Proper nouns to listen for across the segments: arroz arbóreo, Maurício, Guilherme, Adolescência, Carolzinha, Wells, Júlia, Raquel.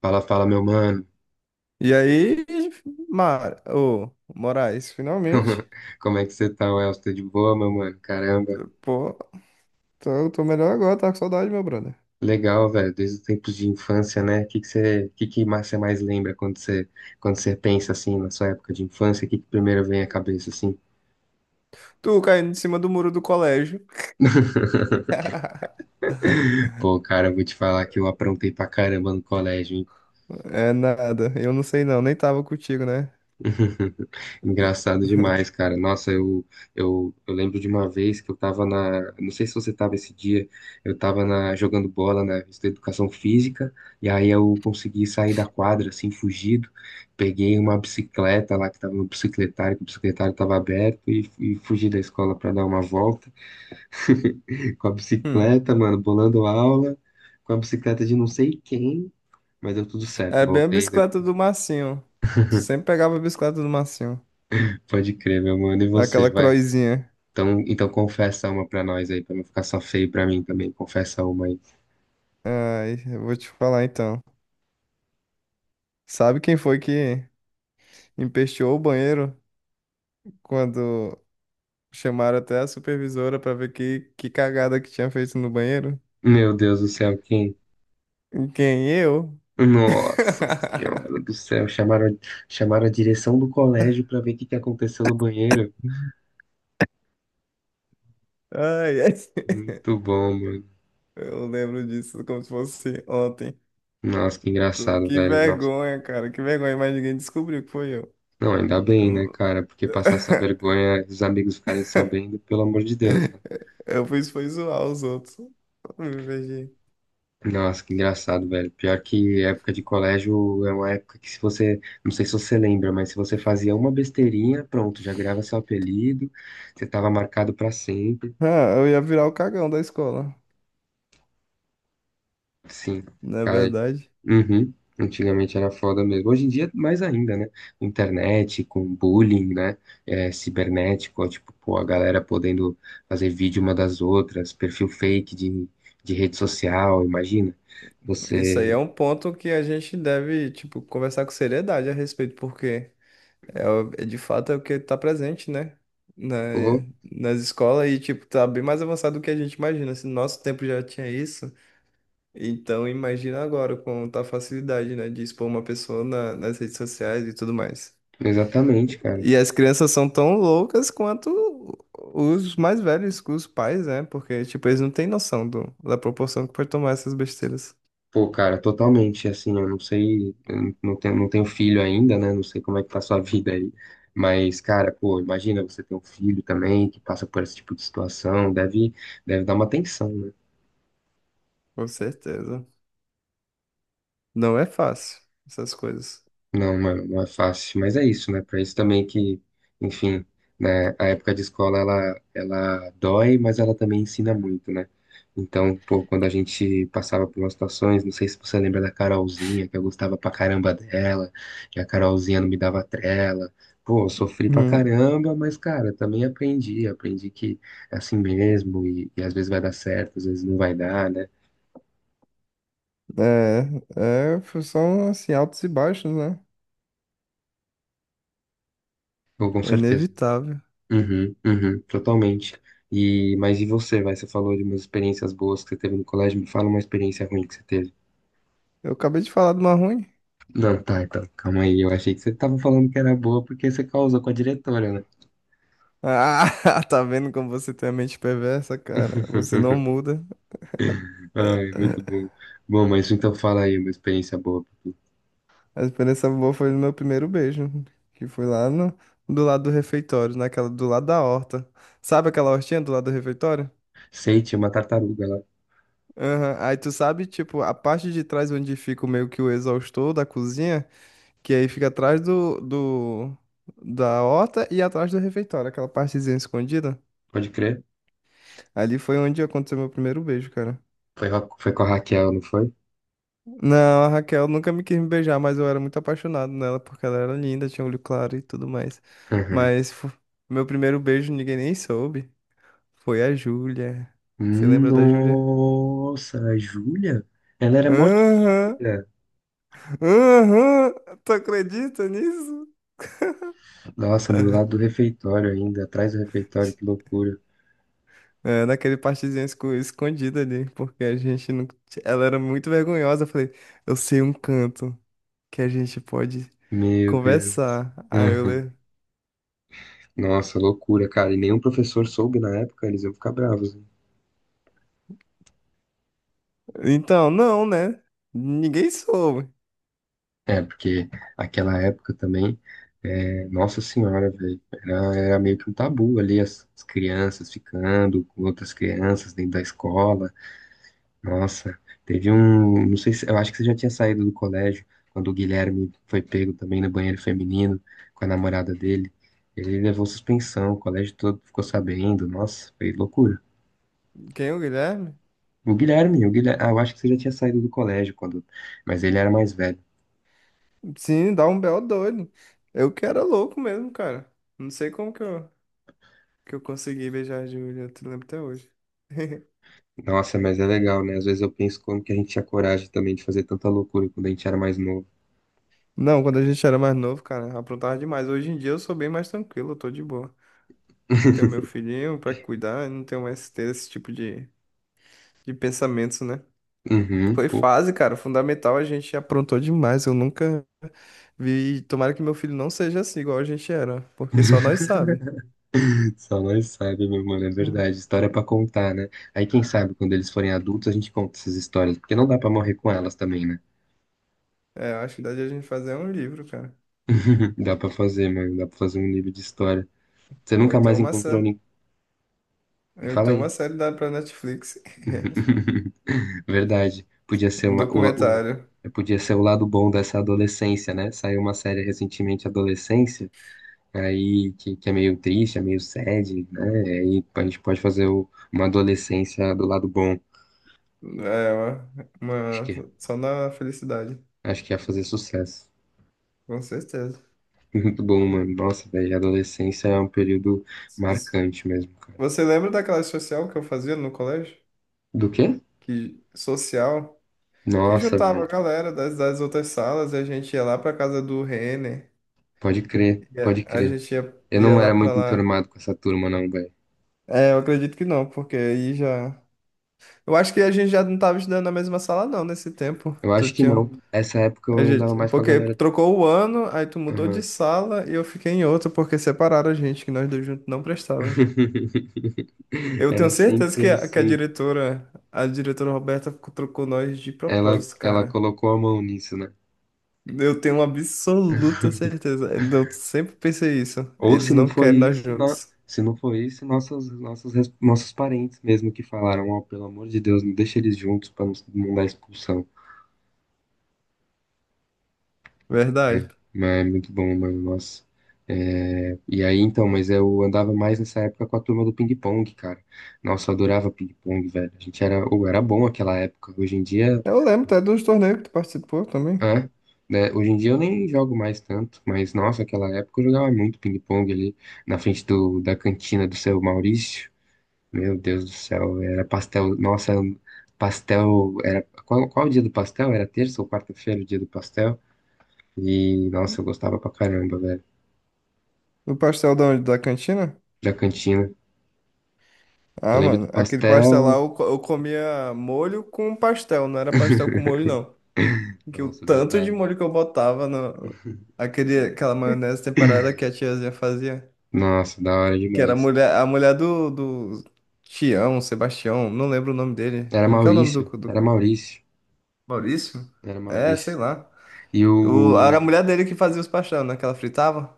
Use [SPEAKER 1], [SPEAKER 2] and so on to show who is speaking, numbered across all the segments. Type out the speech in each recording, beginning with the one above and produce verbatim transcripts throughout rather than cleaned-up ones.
[SPEAKER 1] Fala, fala, meu mano.
[SPEAKER 2] E aí, Mar... ô, Moraes, finalmente.
[SPEAKER 1] Como é que você tá, Wells? Tudo de boa, meu mano? Caramba.
[SPEAKER 2] Pô, tô, tô melhor agora, tá com saudade, meu brother.
[SPEAKER 1] Legal, velho. Desde os tempos de infância, né? O que que você, que que mais- você mais lembra quando você, quando você pensa assim na sua época de infância? O que que primeiro vem à cabeça assim?
[SPEAKER 2] Tu caindo em cima do muro do colégio.
[SPEAKER 1] Pô, cara, eu vou te falar que eu aprontei pra caramba no colégio, hein?
[SPEAKER 2] É nada, eu não sei não, nem tava contigo, né?
[SPEAKER 1] Engraçado demais, cara. Nossa, eu, eu, eu lembro de uma vez que eu tava na. Não sei se você tava esse dia, eu tava na, jogando bola na revista Educação Física, e aí eu consegui sair da quadra, assim, fugido. Peguei uma bicicleta lá que tava no bicicletário, que o bicicletário tava aberto, e, e fugi da escola pra dar uma volta com a
[SPEAKER 2] Hum.
[SPEAKER 1] bicicleta, mano, bolando aula, com a bicicleta de não sei quem, mas deu tudo certo,
[SPEAKER 2] É bem a
[SPEAKER 1] voltei, né?
[SPEAKER 2] bicicleta do Massinho. Tu sempre pegava a bicicleta do Massinho.
[SPEAKER 1] Pode crer, meu mano. E você,
[SPEAKER 2] Aquela
[SPEAKER 1] vai?
[SPEAKER 2] croizinha.
[SPEAKER 1] Então, então confessa uma pra nós aí, pra não ficar só feio pra mim também. Confessa uma aí.
[SPEAKER 2] Ai, eu vou te falar então. Sabe quem foi que empesteou o banheiro quando chamaram até a supervisora pra ver que, que cagada que tinha feito no banheiro.
[SPEAKER 1] Meu Deus do céu, quem?
[SPEAKER 2] Quem? Eu?
[SPEAKER 1] Nossa Senhora do céu, chamaram, chamaram a direção do colégio pra ver o que que aconteceu no banheiro.
[SPEAKER 2] Ai, ai.
[SPEAKER 1] Muito bom, mano.
[SPEAKER 2] Eu lembro disso como se fosse ontem.
[SPEAKER 1] Nossa, que
[SPEAKER 2] Tu-
[SPEAKER 1] engraçado,
[SPEAKER 2] Que
[SPEAKER 1] velho. Nossa.
[SPEAKER 2] vergonha, cara. Que vergonha, mas ninguém descobriu que foi eu.
[SPEAKER 1] Não, ainda bem, né, cara? Porque passar essa vergonha, os amigos ficarem sabendo, pelo amor de Deus, né?
[SPEAKER 2] Eu fiz foi zoar os outros. Me vez.
[SPEAKER 1] Nossa, que engraçado, velho. Pior que época de colégio é uma época que se você, não sei se você lembra, mas se você fazia uma besteirinha, pronto, já virava seu apelido, você tava marcado pra sempre.
[SPEAKER 2] Ah, eu ia virar o cagão da escola.
[SPEAKER 1] Sim,
[SPEAKER 2] Não é
[SPEAKER 1] cara.
[SPEAKER 2] verdade?
[SPEAKER 1] Uhum. Antigamente era foda mesmo. Hoje em dia, mais ainda, né? Com Internet, com bullying, né? É, cibernético, ó, tipo, pô, a galera podendo fazer vídeo uma das outras, perfil fake de, de rede social, imagina.
[SPEAKER 2] Isso aí é
[SPEAKER 1] Você,
[SPEAKER 2] um ponto que a gente deve, tipo, conversar com seriedade a respeito, porque é, o- é de fato é o que tá presente, né? Na,
[SPEAKER 1] pô,
[SPEAKER 2] nas escolas e, tipo, tá bem mais avançado do que a gente imagina. Se no nosso tempo já tinha isso, então imagina agora com tá facilidade, né? De expor uma pessoa na- nas redes sociais e tudo mais.
[SPEAKER 1] exatamente, cara.
[SPEAKER 2] E as crianças são tão loucas quanto os mais velhos, os pais, né? Porque, tipo, eles não têm noção do, da proporção que pode tomar essas besteiras.
[SPEAKER 1] Pô, cara, totalmente, assim, eu não sei, eu não tenho, não tenho filho ainda, né? Não sei como é que tá a sua vida aí. Mas, cara, pô, imagina você ter um filho também que passa por esse tipo de situação, deve, deve dar uma tensão.
[SPEAKER 2] Com certeza. Não é fácil, essas coisas.
[SPEAKER 1] Não, mano, não é fácil, mas é isso, né? Pra isso também que, enfim, né, a época de escola ela ela dói, mas ela também ensina muito, né? Então, pô, quando a gente passava por umas situações, não sei se você lembra da Carolzinha, que eu gostava pra caramba dela, e a Carolzinha não me dava trela. Pô, eu sofri pra caramba, mas, cara, também aprendi, aprendi que é assim mesmo, e, e às vezes vai dar certo, às vezes não vai dar, né?
[SPEAKER 2] É, é, são assim, altos e baixos, né?
[SPEAKER 1] Pô, com
[SPEAKER 2] É
[SPEAKER 1] certeza.
[SPEAKER 2] inevitável.
[SPEAKER 1] Uhum, uhum, totalmente. E, mas e você, vai? Você falou de umas experiências boas que você teve no colégio, me fala uma experiência ruim que você teve.
[SPEAKER 2] Eu acabei de falar de uma ruim.
[SPEAKER 1] Não, tá, então, calma aí. Eu achei que você tava falando que era boa porque você causou com a diretora, né?
[SPEAKER 2] Ah, tá vendo como você tem a mente perversa, cara? Você não muda.
[SPEAKER 1] Ai, muito
[SPEAKER 2] É,
[SPEAKER 1] bom. Bom, mas então fala aí uma experiência boa.
[SPEAKER 2] a experiência boa foi no meu primeiro beijo, que foi lá no, do lado do refeitório, naquela do lado da horta. Sabe aquela hortinha do lado do refeitório?
[SPEAKER 1] Sei, tinha uma tartaruga lá,
[SPEAKER 2] Aham. Aí tu sabe, tipo, a parte de trás onde fica meio que o exaustor da cozinha? Que aí fica atrás do, do, da horta e atrás do refeitório, aquela partezinha escondida.
[SPEAKER 1] pode crer.
[SPEAKER 2] Ali foi onde aconteceu meu primeiro beijo, cara.
[SPEAKER 1] Foi, ra- foi com a Raquel, não foi?
[SPEAKER 2] Não, a Raquel nunca me quis me beijar, mas eu era muito apaixonado nela, porque ela era linda, tinha olho claro e tudo mais.
[SPEAKER 1] Uhum.
[SPEAKER 2] Mas fo- meu primeiro beijo ninguém nem soube. Foi a Júlia. Você lembra da Júlia?
[SPEAKER 1] Nossa, a Júlia? Ela era mó
[SPEAKER 2] Aham,
[SPEAKER 1] tímida.
[SPEAKER 2] aham, tu acredita nisso?
[SPEAKER 1] Nossa, do lado do refeitório ainda, atrás do refeitório, que loucura.
[SPEAKER 2] É, naquele partezinho esco- escondido ali, porque a gente não. Ela era muito vergonhosa. Eu falei, eu sei um canto que a gente pode
[SPEAKER 1] Meu Deus.
[SPEAKER 2] conversar. Aí eu
[SPEAKER 1] Aham.
[SPEAKER 2] le...
[SPEAKER 1] Nossa, loucura, cara. E nenhum professor soube na época, eles iam ficar bravos, hein?
[SPEAKER 2] Então, não, né? Ninguém soube.
[SPEAKER 1] É, porque aquela época também, é, nossa senhora, velho, era, era meio que um tabu ali, as, as crianças ficando com outras crianças dentro da escola. Nossa, teve um, não sei se, eu acho que você já tinha saído do colégio, quando o Guilherme foi pego também no banheiro feminino com a namorada dele. Ele levou suspensão, o colégio todo ficou sabendo. Nossa, foi loucura.
[SPEAKER 2] Quem é o Guilherme?
[SPEAKER 1] O Guilherme, o Guilherme, ah, eu acho que você já tinha saído do colégio quando, mas ele era mais velho.
[SPEAKER 2] Sim, dá um belo doido. Eu que era louco mesmo, cara. Não sei como que eu, que eu consegui beijar a Júlia, eu te lembro até hoje.
[SPEAKER 1] Nossa, mas é legal, né? Às vezes eu penso como que a gente tinha coragem também de fazer tanta loucura quando a gente era mais novo.
[SPEAKER 2] Não, quando a gente era mais novo, cara, aprontava demais. Hoje em dia eu sou bem mais tranquilo, eu tô de boa. Tenho meu filhinho pra cuidar, não tenho mais ter esse tipo de, de pensamentos, né?
[SPEAKER 1] Uhum,
[SPEAKER 2] Foi
[SPEAKER 1] pô,
[SPEAKER 2] fase, cara, fundamental, a gente aprontou demais. Eu nunca vi. Tomara que meu filho não seja assim, igual a gente era, porque só nós sabe.
[SPEAKER 1] só nós sabe, meu mano, é verdade. História pra contar, né? Aí quem sabe quando eles forem adultos a gente conta essas histórias, porque não dá pra morrer com elas também, né?
[SPEAKER 2] É, eu acho que dá de a gente fazer um livro, cara.
[SPEAKER 1] Dá pra fazer, mano, dá pra fazer um livro de história. Você
[SPEAKER 2] Ou
[SPEAKER 1] nunca
[SPEAKER 2] então
[SPEAKER 1] mais
[SPEAKER 2] uma,
[SPEAKER 1] encontrou
[SPEAKER 2] sé-
[SPEAKER 1] ninguém.
[SPEAKER 2] ou
[SPEAKER 1] Fala
[SPEAKER 2] então uma
[SPEAKER 1] aí.
[SPEAKER 2] série dá pra Netflix.
[SPEAKER 1] Verdade. Podia ser
[SPEAKER 2] Um
[SPEAKER 1] uma- o,
[SPEAKER 2] documentário.
[SPEAKER 1] o- podia ser o lado bom dessa adolescência, né? Saiu uma série recentemente, Adolescência, aí que, que é meio triste, é meio sad, né? E aí a gente pode fazer o- uma adolescência do lado bom.
[SPEAKER 2] É, uma,
[SPEAKER 1] Acho
[SPEAKER 2] uma-
[SPEAKER 1] que,
[SPEAKER 2] Só na felicidade.
[SPEAKER 1] acho que ia fazer sucesso.
[SPEAKER 2] Com certeza.
[SPEAKER 1] Muito bom, mano. Nossa, velho, a adolescência é um período
[SPEAKER 2] S-
[SPEAKER 1] marcante mesmo, cara.
[SPEAKER 2] Você lembra daquela social que eu fazia no colégio?
[SPEAKER 1] Do quê?
[SPEAKER 2] Que social. Que
[SPEAKER 1] Nossa,
[SPEAKER 2] juntava a
[SPEAKER 1] velho.
[SPEAKER 2] galera das, das outras salas e a gente ia lá pra casa do Renner.
[SPEAKER 1] Pode crer,
[SPEAKER 2] E a
[SPEAKER 1] pode
[SPEAKER 2] a
[SPEAKER 1] crer.
[SPEAKER 2] gente ia,
[SPEAKER 1] Eu
[SPEAKER 2] ia
[SPEAKER 1] não
[SPEAKER 2] lá
[SPEAKER 1] era
[SPEAKER 2] pra
[SPEAKER 1] muito
[SPEAKER 2] lá.
[SPEAKER 1] enturmado com essa turma, não, velho.
[SPEAKER 2] É, eu acredito que não, porque aí já. Eu acho que a gente já não tava estudando na mesma sala, não, nesse tempo.
[SPEAKER 1] Eu
[SPEAKER 2] Tu
[SPEAKER 1] acho que
[SPEAKER 2] tinha.
[SPEAKER 1] não. Essa época eu
[SPEAKER 2] A
[SPEAKER 1] andava
[SPEAKER 2] gente...
[SPEAKER 1] mais com a
[SPEAKER 2] Porque
[SPEAKER 1] galera.
[SPEAKER 2] trocou o ano, aí tu mudou de
[SPEAKER 1] Aham.
[SPEAKER 2] sala e eu fiquei em outra, porque separaram a gente, que nós dois juntos não prestávamos. Eu tenho
[SPEAKER 1] Era
[SPEAKER 2] certeza
[SPEAKER 1] sempre
[SPEAKER 2] que a, que a
[SPEAKER 1] assim.
[SPEAKER 2] diretora, a diretora Roberta, trocou nós de
[SPEAKER 1] Ela,
[SPEAKER 2] propósito,
[SPEAKER 1] ela
[SPEAKER 2] cara.
[SPEAKER 1] colocou a mão nisso, né?
[SPEAKER 2] Eu tenho uma absoluta certeza. Eu sempre pensei isso.
[SPEAKER 1] Ou se
[SPEAKER 2] Eles
[SPEAKER 1] não
[SPEAKER 2] não
[SPEAKER 1] foi
[SPEAKER 2] querem nós
[SPEAKER 1] isso, na-
[SPEAKER 2] juntos.
[SPEAKER 1] se não foi isso, nossos, nossos, res- nossos parentes mesmo que falaram, ó, pelo amor de Deus, não deixa eles juntos pra não, não dar expulsão. É,
[SPEAKER 2] Verdade.
[SPEAKER 1] mas é muito bom, mano, nossa. É, e aí, então, mas eu andava mais nessa época com a turma do ping-pong, cara. Nossa, eu adorava ping-pong, velho. A gente era, ou era bom aquela época. Hoje em dia.
[SPEAKER 2] Eu lembro até dos torneios que tu participou também.
[SPEAKER 1] É, né? Hoje em dia eu nem jogo mais tanto, mas nossa, aquela época eu jogava muito ping-pong ali na frente do, da cantina do seu Maurício. Meu Deus do céu, era pastel. Nossa, pastel. Era, qual, qual o dia do pastel? Era terça ou quarta-feira o dia do pastel? E nossa, eu gostava pra caramba, velho,
[SPEAKER 2] Do pastel da onde? Da cantina?
[SPEAKER 1] da cantina. Eu
[SPEAKER 2] Ah,
[SPEAKER 1] lembro do
[SPEAKER 2] mano, aquele pastel lá
[SPEAKER 1] pastel.
[SPEAKER 2] eu, co- eu comia molho com pastel, não era pastel com molho, não. Que o
[SPEAKER 1] Nossa,
[SPEAKER 2] tanto de
[SPEAKER 1] verdade.
[SPEAKER 2] molho que eu botava no, aquele, aquela maionese temperada que a tiazinha fazia.
[SPEAKER 1] Nossa, da hora
[SPEAKER 2] Que era a
[SPEAKER 1] demais.
[SPEAKER 2] mulher, a mulher do, do Tião, Sebastião, não lembro o nome dele.
[SPEAKER 1] Era
[SPEAKER 2] Como que é o nome do,
[SPEAKER 1] Maurício, era
[SPEAKER 2] do...
[SPEAKER 1] Maurício,
[SPEAKER 2] Maurício?
[SPEAKER 1] era
[SPEAKER 2] É, sei
[SPEAKER 1] Maurício.
[SPEAKER 2] lá.
[SPEAKER 1] E
[SPEAKER 2] O- era a
[SPEAKER 1] o.
[SPEAKER 2] mulher dele que fazia os paixão, né? Que ela fritava.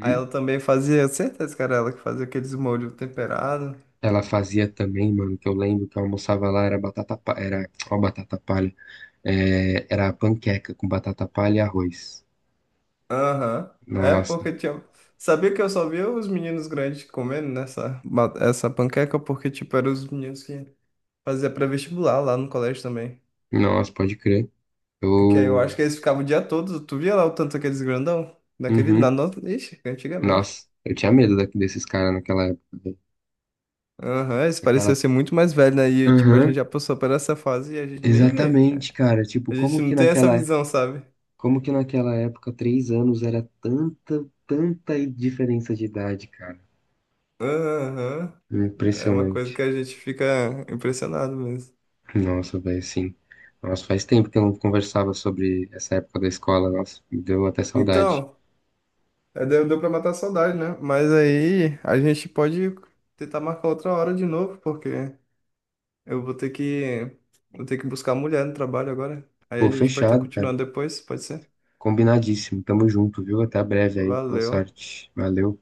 [SPEAKER 2] Aí ela também fazia, certeza que era ela que fazia aqueles molhos temperados.
[SPEAKER 1] Ela fazia também, mano, que eu lembro que eu almoçava lá, era batata, pa- era, ó, batata palha, é, era panqueca com batata palha e arroz.
[SPEAKER 2] Aham. É,
[SPEAKER 1] Nossa,
[SPEAKER 2] porque tinha. Sabia que eu só via os meninos grandes comendo nessa ba- essa panqueca, porque, tipo, eram os meninos que faziam pré-vestibular lá no colégio também.
[SPEAKER 1] nossa, pode crer.
[SPEAKER 2] É. Que aí eu acho
[SPEAKER 1] Eu,
[SPEAKER 2] que eles ficavam o dia todo. Tu via lá o tanto aqueles grandão? Naquele. Na
[SPEAKER 1] uhum,
[SPEAKER 2] nossa. Ixi, antigamente.
[SPEAKER 1] nossa, eu tinha medo daqui desses caras naquela época, velho.
[SPEAKER 2] Aham, eles pareciam
[SPEAKER 1] Aquela,
[SPEAKER 2] ser muito mais velhos, né? E, tipo, a gente
[SPEAKER 1] aham,
[SPEAKER 2] já passou por essa fase e a gente nem vê.
[SPEAKER 1] exatamente, cara, tipo,
[SPEAKER 2] A gente
[SPEAKER 1] como que
[SPEAKER 2] não tem essa
[SPEAKER 1] naquela,
[SPEAKER 2] visão, sabe?
[SPEAKER 1] como que naquela época, três anos era tanta, tanta diferença de idade, cara.
[SPEAKER 2] Aham, é uma coisa que
[SPEAKER 1] Impressionante.
[SPEAKER 2] a gente fica impressionado mesmo.
[SPEAKER 1] Nossa, velho, sim. Nossa, faz tempo que eu não conversava sobre essa época da escola. Nossa, me deu até saudade.
[SPEAKER 2] Então, é, deu, deu pra matar a saudade, né? Mas aí a gente pode tentar marcar outra hora de novo, porque eu vou ter que, vou ter que buscar a mulher no trabalho agora. Aí
[SPEAKER 1] Pô,
[SPEAKER 2] a gente pode estar
[SPEAKER 1] fechado, cara.
[SPEAKER 2] continuando depois, pode ser?
[SPEAKER 1] Combinadíssimo. Tamo junto, viu? Até breve aí. Boa
[SPEAKER 2] Valeu.
[SPEAKER 1] sorte. Valeu.